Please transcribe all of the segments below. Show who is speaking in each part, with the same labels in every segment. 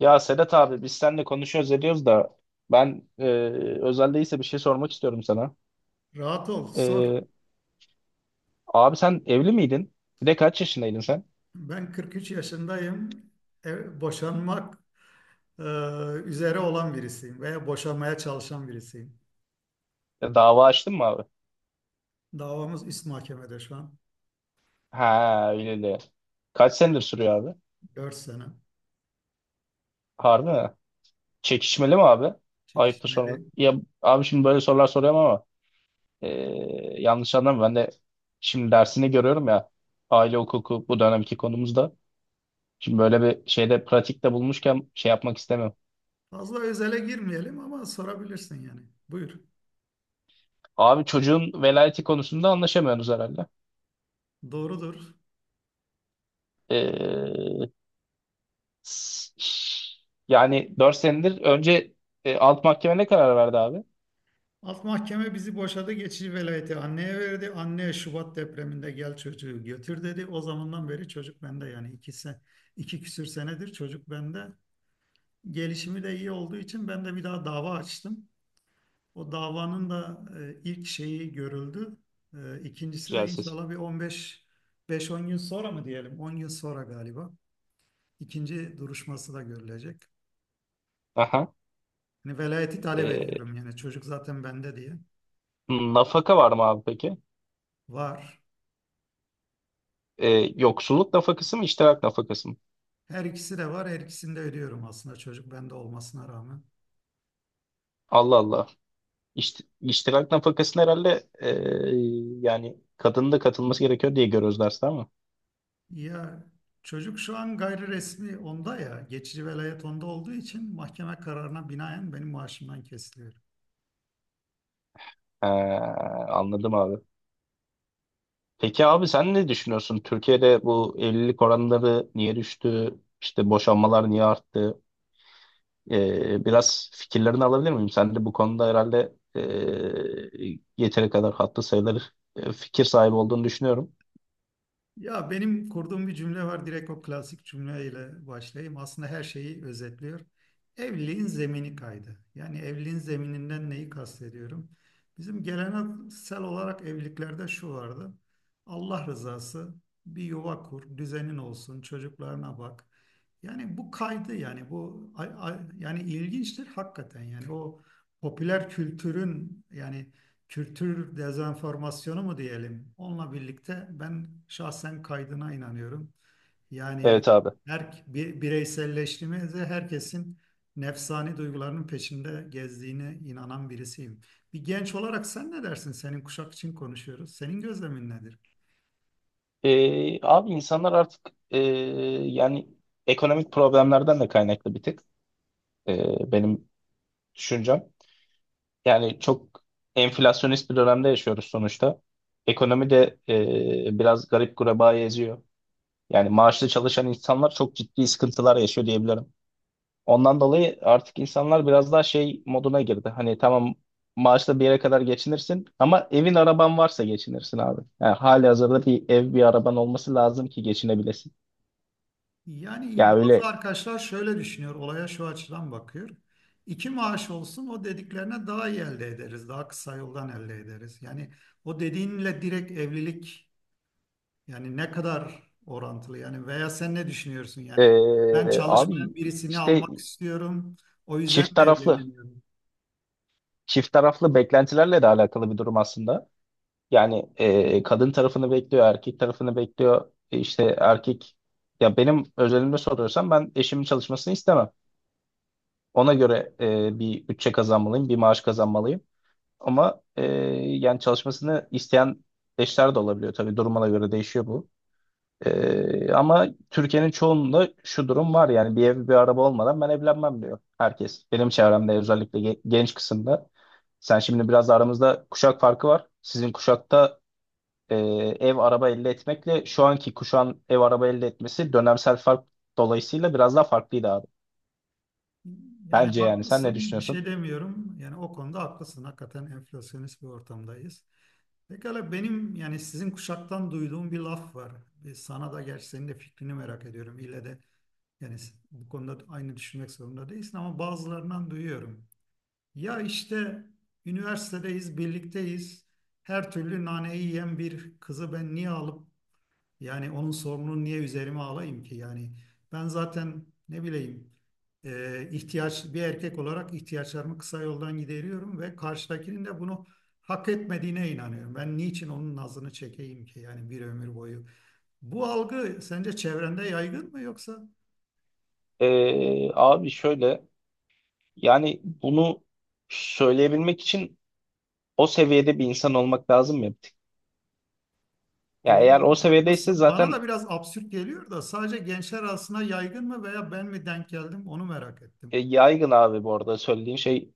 Speaker 1: Ya Sedat abi biz seninle konuşuyoruz ediyoruz da ben e, özel değilse bir şey sormak istiyorum sana.
Speaker 2: Rahat ol, sor.
Speaker 1: E, abi sen evli miydin? Bir de kaç yaşındaydın sen?
Speaker 2: Ben 43 yaşındayım. Boşanmak e, üzere olan birisiyim veya boşanmaya çalışan birisiyim.
Speaker 1: Ya dava açtın mı abi?
Speaker 2: Davamız üst mahkemede şu an.
Speaker 1: Ha öyle de. Kaç senedir sürüyor abi?
Speaker 2: Dört sene
Speaker 1: Harbi mi? Çekişmeli mi abi? Ayıptır sormak.
Speaker 2: çekişmeli.
Speaker 1: Ya abi şimdi böyle sorular soruyorum ama e, yanlış anlama ben de şimdi dersini görüyorum ya aile hukuku bu dönemki konumuzda. Şimdi böyle bir şeyde pratikte bulmuşken şey yapmak istemiyorum.
Speaker 2: Fazla özele girmeyelim ama sorabilirsin yani. Buyur.
Speaker 1: Abi çocuğun velayeti konusunda anlaşamıyorsunuz herhalde.
Speaker 2: Doğrudur.
Speaker 1: Ee, s- yani 4 senedir önce alt mahkeme ne karar verdi abi?
Speaker 2: Alt mahkeme bizi boşadı, geçici velayeti anneye verdi. Anne Şubat depreminde gel çocuğu götür dedi. O zamandan beri çocuk bende, yani iki küsür senedir çocuk bende. Gelişimi de iyi olduğu için ben de bir daha dava açtım. O davanın da ilk şeyi görüldü. E, İkincisi
Speaker 1: Güzel
Speaker 2: de
Speaker 1: ses.
Speaker 2: inşallah bir 15 5-10 yıl sonra mı diyelim? 10 yıl sonra galiba. İkinci duruşması da görülecek.
Speaker 1: Aha.
Speaker 2: Hani velayeti talep
Speaker 1: Ee,
Speaker 2: ediyorum yani çocuk zaten bende diye.
Speaker 1: nafaka var mı abi peki?
Speaker 2: Var.
Speaker 1: Ee, yoksulluk nafakası mı, iştirak nafakası mı?
Speaker 2: Her ikisi de var. Her ikisini de ödüyorum aslında çocuk bende olmasına rağmen.
Speaker 1: Allah Allah. İşte, iştirak nafakasını herhalde yani kadının da katılması gerekiyor diye görüyoruz derste ama.
Speaker 2: Ya çocuk şu an gayri resmi onda ya. Geçici velayet onda olduğu için mahkeme kararına binaen benim maaşımdan kesiliyor.
Speaker 1: Ee, anladım abi. Peki abi sen ne düşünüyorsun? Türkiye'de bu evlilik oranları niye düştü? İşte boşanmalar niye arttı? Biraz fikirlerini alabilir miyim? Sen de bu konuda herhalde yeteri kadar hatta sayılır fikir sahibi olduğunu düşünüyorum.
Speaker 2: Ya benim kurduğum bir cümle var. Direkt o klasik cümleyle başlayayım. Aslında her şeyi özetliyor. Evliliğin zemini kaydı. Yani evliliğin zemininden neyi kastediyorum? Bizim geleneksel olarak evliliklerde şu vardı. Allah rızası, bir yuva kur, düzenin olsun, çocuklarına bak. Yani bu kaydı, yani bu yani ilginçtir hakikaten. Yani o popüler kültürün, yani kültür dezenformasyonu mu diyelim? Onunla birlikte ben şahsen kaydına inanıyorum. Yani
Speaker 1: Evet abi.
Speaker 2: her bireyselleştiğimizde herkesin nefsani duygularının peşinde gezdiğine inanan birisiyim. Bir genç olarak sen ne dersin? Senin kuşak için konuşuyoruz. Senin gözlemin nedir?
Speaker 1: Abi insanlar artık yani ekonomik problemlerden de kaynaklı bir tık benim düşüncem. Yani çok enflasyonist bir dönemde yaşıyoruz sonuçta. Ekonomi de biraz garip gureba eziyor. Yani maaşlı çalışan insanlar çok ciddi sıkıntılar yaşıyor diyebilirim. Ondan dolayı artık insanlar biraz daha şey moduna girdi. Hani tamam maaşla bir yere kadar geçinirsin ama evin araban varsa geçinirsin abi. Yani hali hazırda bir ev bir araban olması lazım ki geçinebilesin.
Speaker 2: Yani
Speaker 1: Ya
Speaker 2: bazı
Speaker 1: öyle
Speaker 2: arkadaşlar şöyle düşünüyor, olaya şu açıdan bakıyor. İki maaş olsun o dediklerine, daha iyi elde ederiz, daha kısa yoldan elde ederiz. Yani o dediğinle direkt evlilik. Yani ne kadar orantılı yani, veya sen ne düşünüyorsun yani, ben çalışmayan
Speaker 1: abi
Speaker 2: birisini
Speaker 1: işte
Speaker 2: almak istiyorum, o yüzden
Speaker 1: çift
Speaker 2: mi
Speaker 1: taraflı
Speaker 2: evlenemiyorum?
Speaker 1: çift taraflı beklentilerle de alakalı bir durum aslında. Yani kadın tarafını bekliyor, erkek tarafını bekliyor. İşte erkek ya benim özelimde soruyorsan ben eşimin çalışmasını istemem. Ona göre bir bütçe kazanmalıyım, bir maaş kazanmalıyım. Ama yani çalışmasını isteyen eşler de olabiliyor tabii durumuna göre değişiyor bu. Ama Türkiye'nin çoğunda şu durum var yani bir ev bir araba olmadan ben evlenmem diyor herkes. Benim çevremde özellikle genç kısımda. Sen şimdi biraz da aramızda kuşak farkı var. Sizin kuşakta e, ev araba elde etmekle şu anki kuşağın ev araba elde etmesi dönemsel fark dolayısıyla biraz daha farklıydı abi.
Speaker 2: Yani
Speaker 1: Bence yani sen ne
Speaker 2: haklısın, bir şey
Speaker 1: düşünüyorsun?
Speaker 2: demiyorum yani, o konuda haklısın hakikaten, enflasyonist bir ortamdayız. Pekala benim yani sizin kuşaktan duyduğum bir laf var. Bir sana da, gerçi senin de fikrini merak ediyorum. İlle de yani bu konuda aynı düşünmek zorunda değilsin, ama bazılarından duyuyorum. Ya işte üniversitedeyiz, birlikteyiz. Her türlü naneyi yiyen bir kızı ben niye alıp, yani onun sorununu niye üzerime alayım ki? Yani ben zaten ne bileyim, ihtiyaç, bir erkek olarak ihtiyaçlarımı kısa yoldan gideriyorum ve karşıdakinin de bunu hak etmediğine inanıyorum. Ben niçin onun nazını çekeyim ki yani bir ömür boyu? Bu algı sence çevrende yaygın mı yoksa?
Speaker 1: Abi şöyle yani bunu söyleyebilmek için o seviyede bir insan olmak lazım ya bir tık. Ya eğer
Speaker 2: Doğrudur,
Speaker 1: o seviyedeyse
Speaker 2: haklısın. Bana da
Speaker 1: zaten
Speaker 2: biraz absürt geliyor da, sadece gençler arasında yaygın mı veya ben mi denk geldim onu merak ettim.
Speaker 1: yaygın abi bu arada söylediğin şey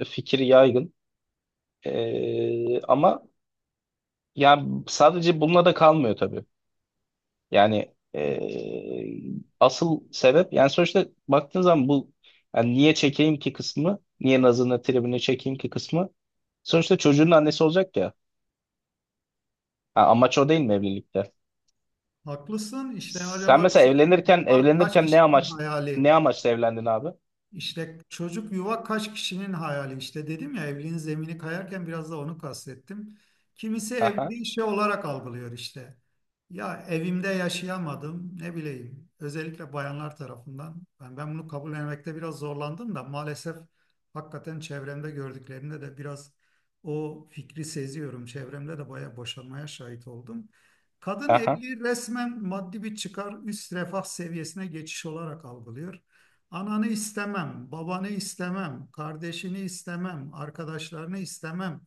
Speaker 1: fikir yaygın. Ama yani sadece bununla da kalmıyor tabii. Yani asıl sebep yani sonuçta baktığın zaman bu yani niye çekeyim ki kısmı, niye nazını tribini çekeyim ki kısmı sonuçta çocuğun annesi olacak ya. Ha, amaç o değil mi evlilikte?
Speaker 2: Haklısın. İşte
Speaker 1: Sen
Speaker 2: acaba
Speaker 1: mesela
Speaker 2: çocuk
Speaker 1: evlenirken
Speaker 2: kaç
Speaker 1: evlenirken ne
Speaker 2: kişinin
Speaker 1: amaç ne
Speaker 2: hayali?
Speaker 1: amaçla evlendin abi?
Speaker 2: İşte çocuk, yuva kaç kişinin hayali, işte dedim ya evliliğin zemini kayarken biraz da onu kastettim. Kimisi
Speaker 1: Aha,
Speaker 2: evliliği şey olarak algılıyor işte. Ya evimde yaşayamadım ne bileyim, özellikle bayanlar tarafından. Ben bunu kabullenmekte biraz zorlandım da maalesef, hakikaten çevremde gördüklerimde de biraz o fikri seziyorum. Çevremde de bayağı boşanmaya şahit oldum. Kadın
Speaker 1: aha.
Speaker 2: evliliği resmen maddi bir çıkar, üst refah seviyesine geçiş olarak algılıyor. Ananı istemem, babanı istemem, kardeşini istemem, arkadaşlarını istemem.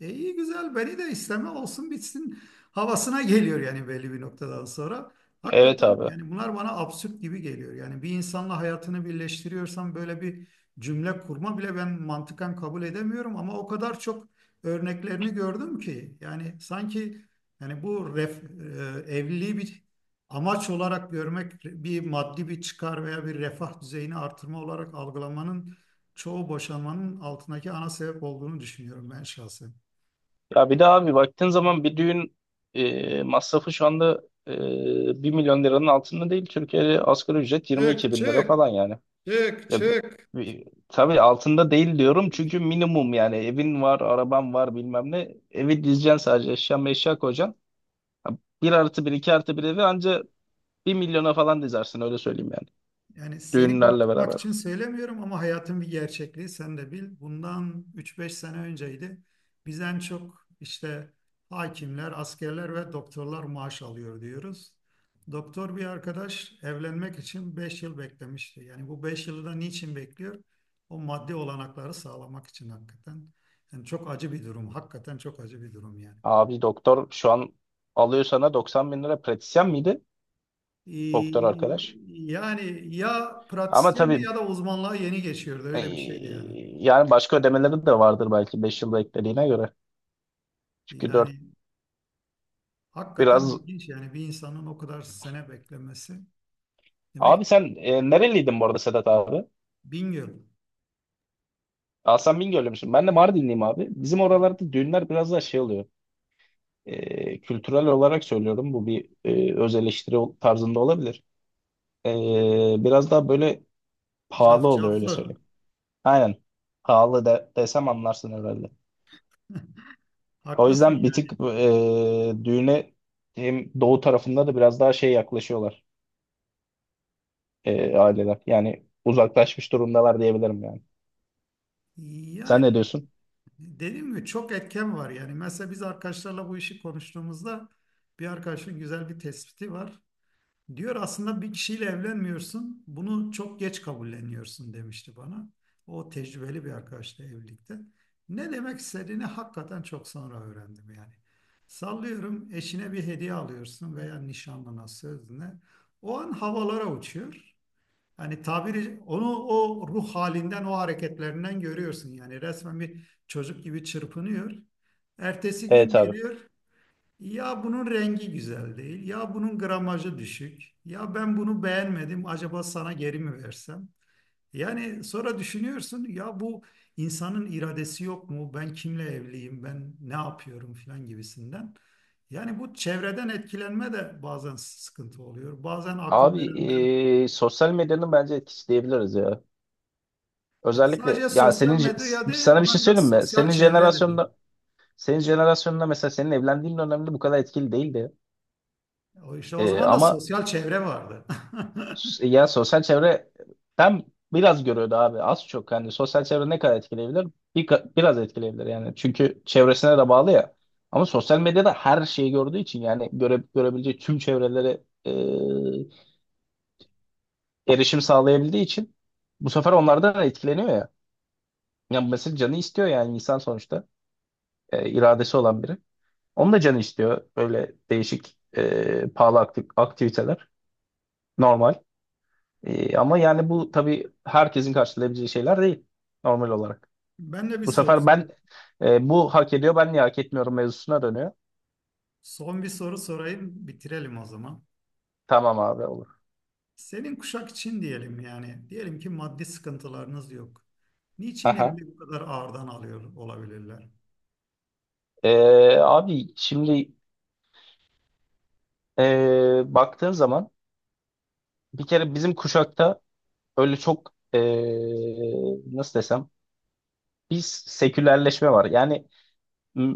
Speaker 2: E iyi güzel, beni de isteme olsun bitsin havasına geliyor yani belli bir noktadan sonra.
Speaker 1: Evet
Speaker 2: Hakikaten
Speaker 1: abi.
Speaker 2: yani bunlar bana absürt gibi geliyor. Yani bir insanla hayatını birleştiriyorsam böyle bir cümle kurma bile ben mantıken kabul edemiyorum, ama o kadar çok örneklerini gördüm ki, yani sanki yani evliliği bir amaç olarak görmek, bir maddi bir çıkar veya bir refah düzeyini artırma olarak algılamanın çoğu boşanmanın altındaki ana sebep olduğunu düşünüyorum ben şahsen.
Speaker 1: Ya bir de abi baktığın zaman bir düğün masrafı şu anda 1 milyon liranın altında değil. Türkiye'de asgari ücret
Speaker 2: Çık
Speaker 1: 22 bin lira
Speaker 2: çık,
Speaker 1: falan yani.
Speaker 2: çık
Speaker 1: Ya
Speaker 2: çık.
Speaker 1: tabii altında değil diyorum çünkü minimum yani evin var, araban var bilmem ne. Evi dizeceksin sadece eşya meşya koyacaksın. Ha, bir artı bir, iki artı bir evi anca bir milyona falan dizersin öyle söyleyeyim yani.
Speaker 2: Yani seni
Speaker 1: Düğünlerle
Speaker 2: korkutmak
Speaker 1: beraber.
Speaker 2: için söylemiyorum ama hayatın bir gerçekliği, sen de bil. Bundan üç beş sene önceydi. Biz en çok işte hakimler, askerler ve doktorlar maaş alıyor diyoruz. Doktor bir arkadaş evlenmek için 5 yıl beklemişti. Yani bu 5 yılı da niçin bekliyor? O maddi olanakları sağlamak için hakikaten. Yani çok acı bir durum. Hakikaten çok acı bir durum yani.
Speaker 1: Abi doktor şu an alıyor sana 90 bin lira pratisyen miydi? Doktor
Speaker 2: Ee,
Speaker 1: arkadaş.
Speaker 2: Yani ya
Speaker 1: Ama
Speaker 2: pratisyendi
Speaker 1: tabii
Speaker 2: ya da uzmanlığa yeni geçiyordu. Öyle bir şeydi
Speaker 1: e,
Speaker 2: yani.
Speaker 1: yani başka ödemeleri de vardır belki 5 yılda eklediğine göre. Çünkü 4
Speaker 2: Yani hakikaten
Speaker 1: biraz...
Speaker 2: ilginç yani, bir insanın o kadar sene beklemesi. Demek
Speaker 1: Abi sen nereliydin bu arada Sedat abi?
Speaker 2: bin yıl.
Speaker 1: Hasan Bingöl'lü müsün? Ben de Mardinliyim abi. Bizim oralarda düğünler biraz daha şey oluyor. Kültürel olarak söylüyorum. Bu bir öz eleştiri tarzında olabilir. Biraz daha böyle pahalı oluyor öyle
Speaker 2: Cafcaflı.
Speaker 1: söyleyeyim. Aynen. Pahalı desem anlarsın herhalde. O
Speaker 2: Haklısın
Speaker 1: yüzden bir
Speaker 2: yani.
Speaker 1: tık düğüne hem doğu tarafında da biraz daha şey yaklaşıyorlar aileler. Yani uzaklaşmış durumdalar diyebilirim yani. Sen ne
Speaker 2: Yani
Speaker 1: diyorsun?
Speaker 2: dediğim gibi çok etken var yani. Mesela biz arkadaşlarla bu işi konuştuğumuzda bir arkadaşın güzel bir tespiti var. Diyor aslında bir kişiyle evlenmiyorsun, bunu çok geç kabulleniyorsun demişti bana. O tecrübeli bir arkadaşla evlilikte. Ne demek istediğini hakikaten çok sonra öğrendim yani. Sallıyorum, eşine bir hediye alıyorsun veya nişanlına, sözüne. O an havalara uçuyor. Hani tabiri, onu o ruh halinden o hareketlerinden görüyorsun, yani resmen bir çocuk gibi çırpınıyor. Ertesi gün
Speaker 1: Evet abi.
Speaker 2: geliyor, ya bunun rengi güzel değil, ya bunun gramajı düşük, ya ben bunu beğenmedim, acaba sana geri mi versem? Yani sonra düşünüyorsun, ya bu insanın iradesi yok mu? Ben kimle evliyim, ben ne yapıyorum filan gibisinden. Yani bu çevreden etkilenme de bazen sıkıntı oluyor. Bazen akıl
Speaker 1: Abi
Speaker 2: verenler,
Speaker 1: sosyal medyanın bence etkisi diyebiliriz ya.
Speaker 2: ya
Speaker 1: Özellikle
Speaker 2: sadece
Speaker 1: ya
Speaker 2: sosyal
Speaker 1: senin
Speaker 2: medya değil,
Speaker 1: sana bir
Speaker 2: ona
Speaker 1: şey
Speaker 2: biraz
Speaker 1: söyleyeyim mi?
Speaker 2: sosyal
Speaker 1: Senin
Speaker 2: çevre dedi.
Speaker 1: jenerasyonda senin jenerasyonda mesela senin evlendiğin dönemde bu kadar etkili değildi.
Speaker 2: O işte o
Speaker 1: Ee,
Speaker 2: zaman da
Speaker 1: ama
Speaker 2: sosyal çevre vardı.
Speaker 1: ya sosyal çevre ben biraz görüyordu abi az çok hani sosyal çevre ne kadar etkileyebilir? Biraz etkileyebilir yani. Çünkü çevresine de bağlı ya. Ama sosyal medyada her şeyi gördüğü için yani görebileceği tüm çevrelere erişim sağlayabildiği için bu sefer onlardan etkileniyor ya. Yani mesela canı istiyor yani insan sonuçta iradesi olan biri. Onun da canı istiyor böyle değişik pahalı aktiviteler. Normal. Ama yani bu tabii herkesin karşılayabileceği şeyler değil normal olarak.
Speaker 2: Ben de bir
Speaker 1: Bu
Speaker 2: soru.
Speaker 1: sefer ben bu hak ediyor ben niye hak etmiyorum mevzusuna dönüyor.
Speaker 2: Son bir soru sorayım, bitirelim o zaman.
Speaker 1: Tamam abi olur.
Speaker 2: Senin kuşak için diyelim yani. Diyelim ki maddi sıkıntılarınız yok. Niçin
Speaker 1: Aha.
Speaker 2: evli bu kadar ağırdan alıyor olabilirler?
Speaker 1: E, abi şimdi baktığın zaman bir kere bizim kuşakta öyle çok nasıl desem biz sekülerleşme var. Yani m,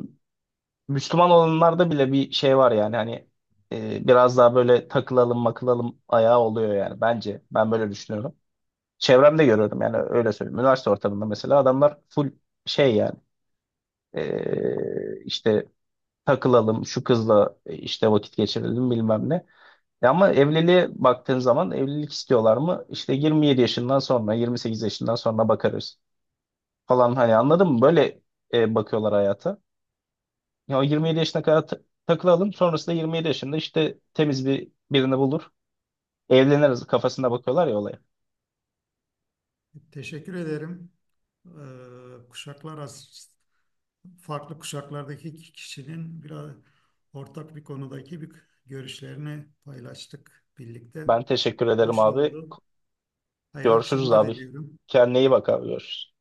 Speaker 1: Müslüman olanlarda bile bir şey var yani hani biraz daha böyle takılalım makılalım ayağı oluyor yani bence ben böyle düşünüyorum. Çevremde görüyorum yani öyle söyleyeyim. Üniversite ortamında mesela adamlar full şey yani işte takılalım şu kızla işte vakit geçirelim bilmem ne. Ya ama evliliğe baktığın zaman evlilik istiyorlar mı? İşte 27 yaşından sonra 28 yaşından sonra bakarız falan hani anladın mı? Böyle bakıyorlar hayata. Ya o 27 yaşına kadar takılalım. Sonrasında 27 yaşında işte temiz bir birini bulur. Evleniriz kafasına bakıyorlar ya olaya.
Speaker 2: Teşekkür ederim. Kuşaklar farklı kuşaklardaki iki kişinin biraz ortak bir konudaki bir görüşlerini paylaştık birlikte.
Speaker 1: Ben teşekkür ederim
Speaker 2: Hoş
Speaker 1: abi.
Speaker 2: oldu. Hayırlı
Speaker 1: Görüşürüz
Speaker 2: akşamlar
Speaker 1: abi.
Speaker 2: diliyorum.
Speaker 1: Kendine iyi bak abi görüşürüz.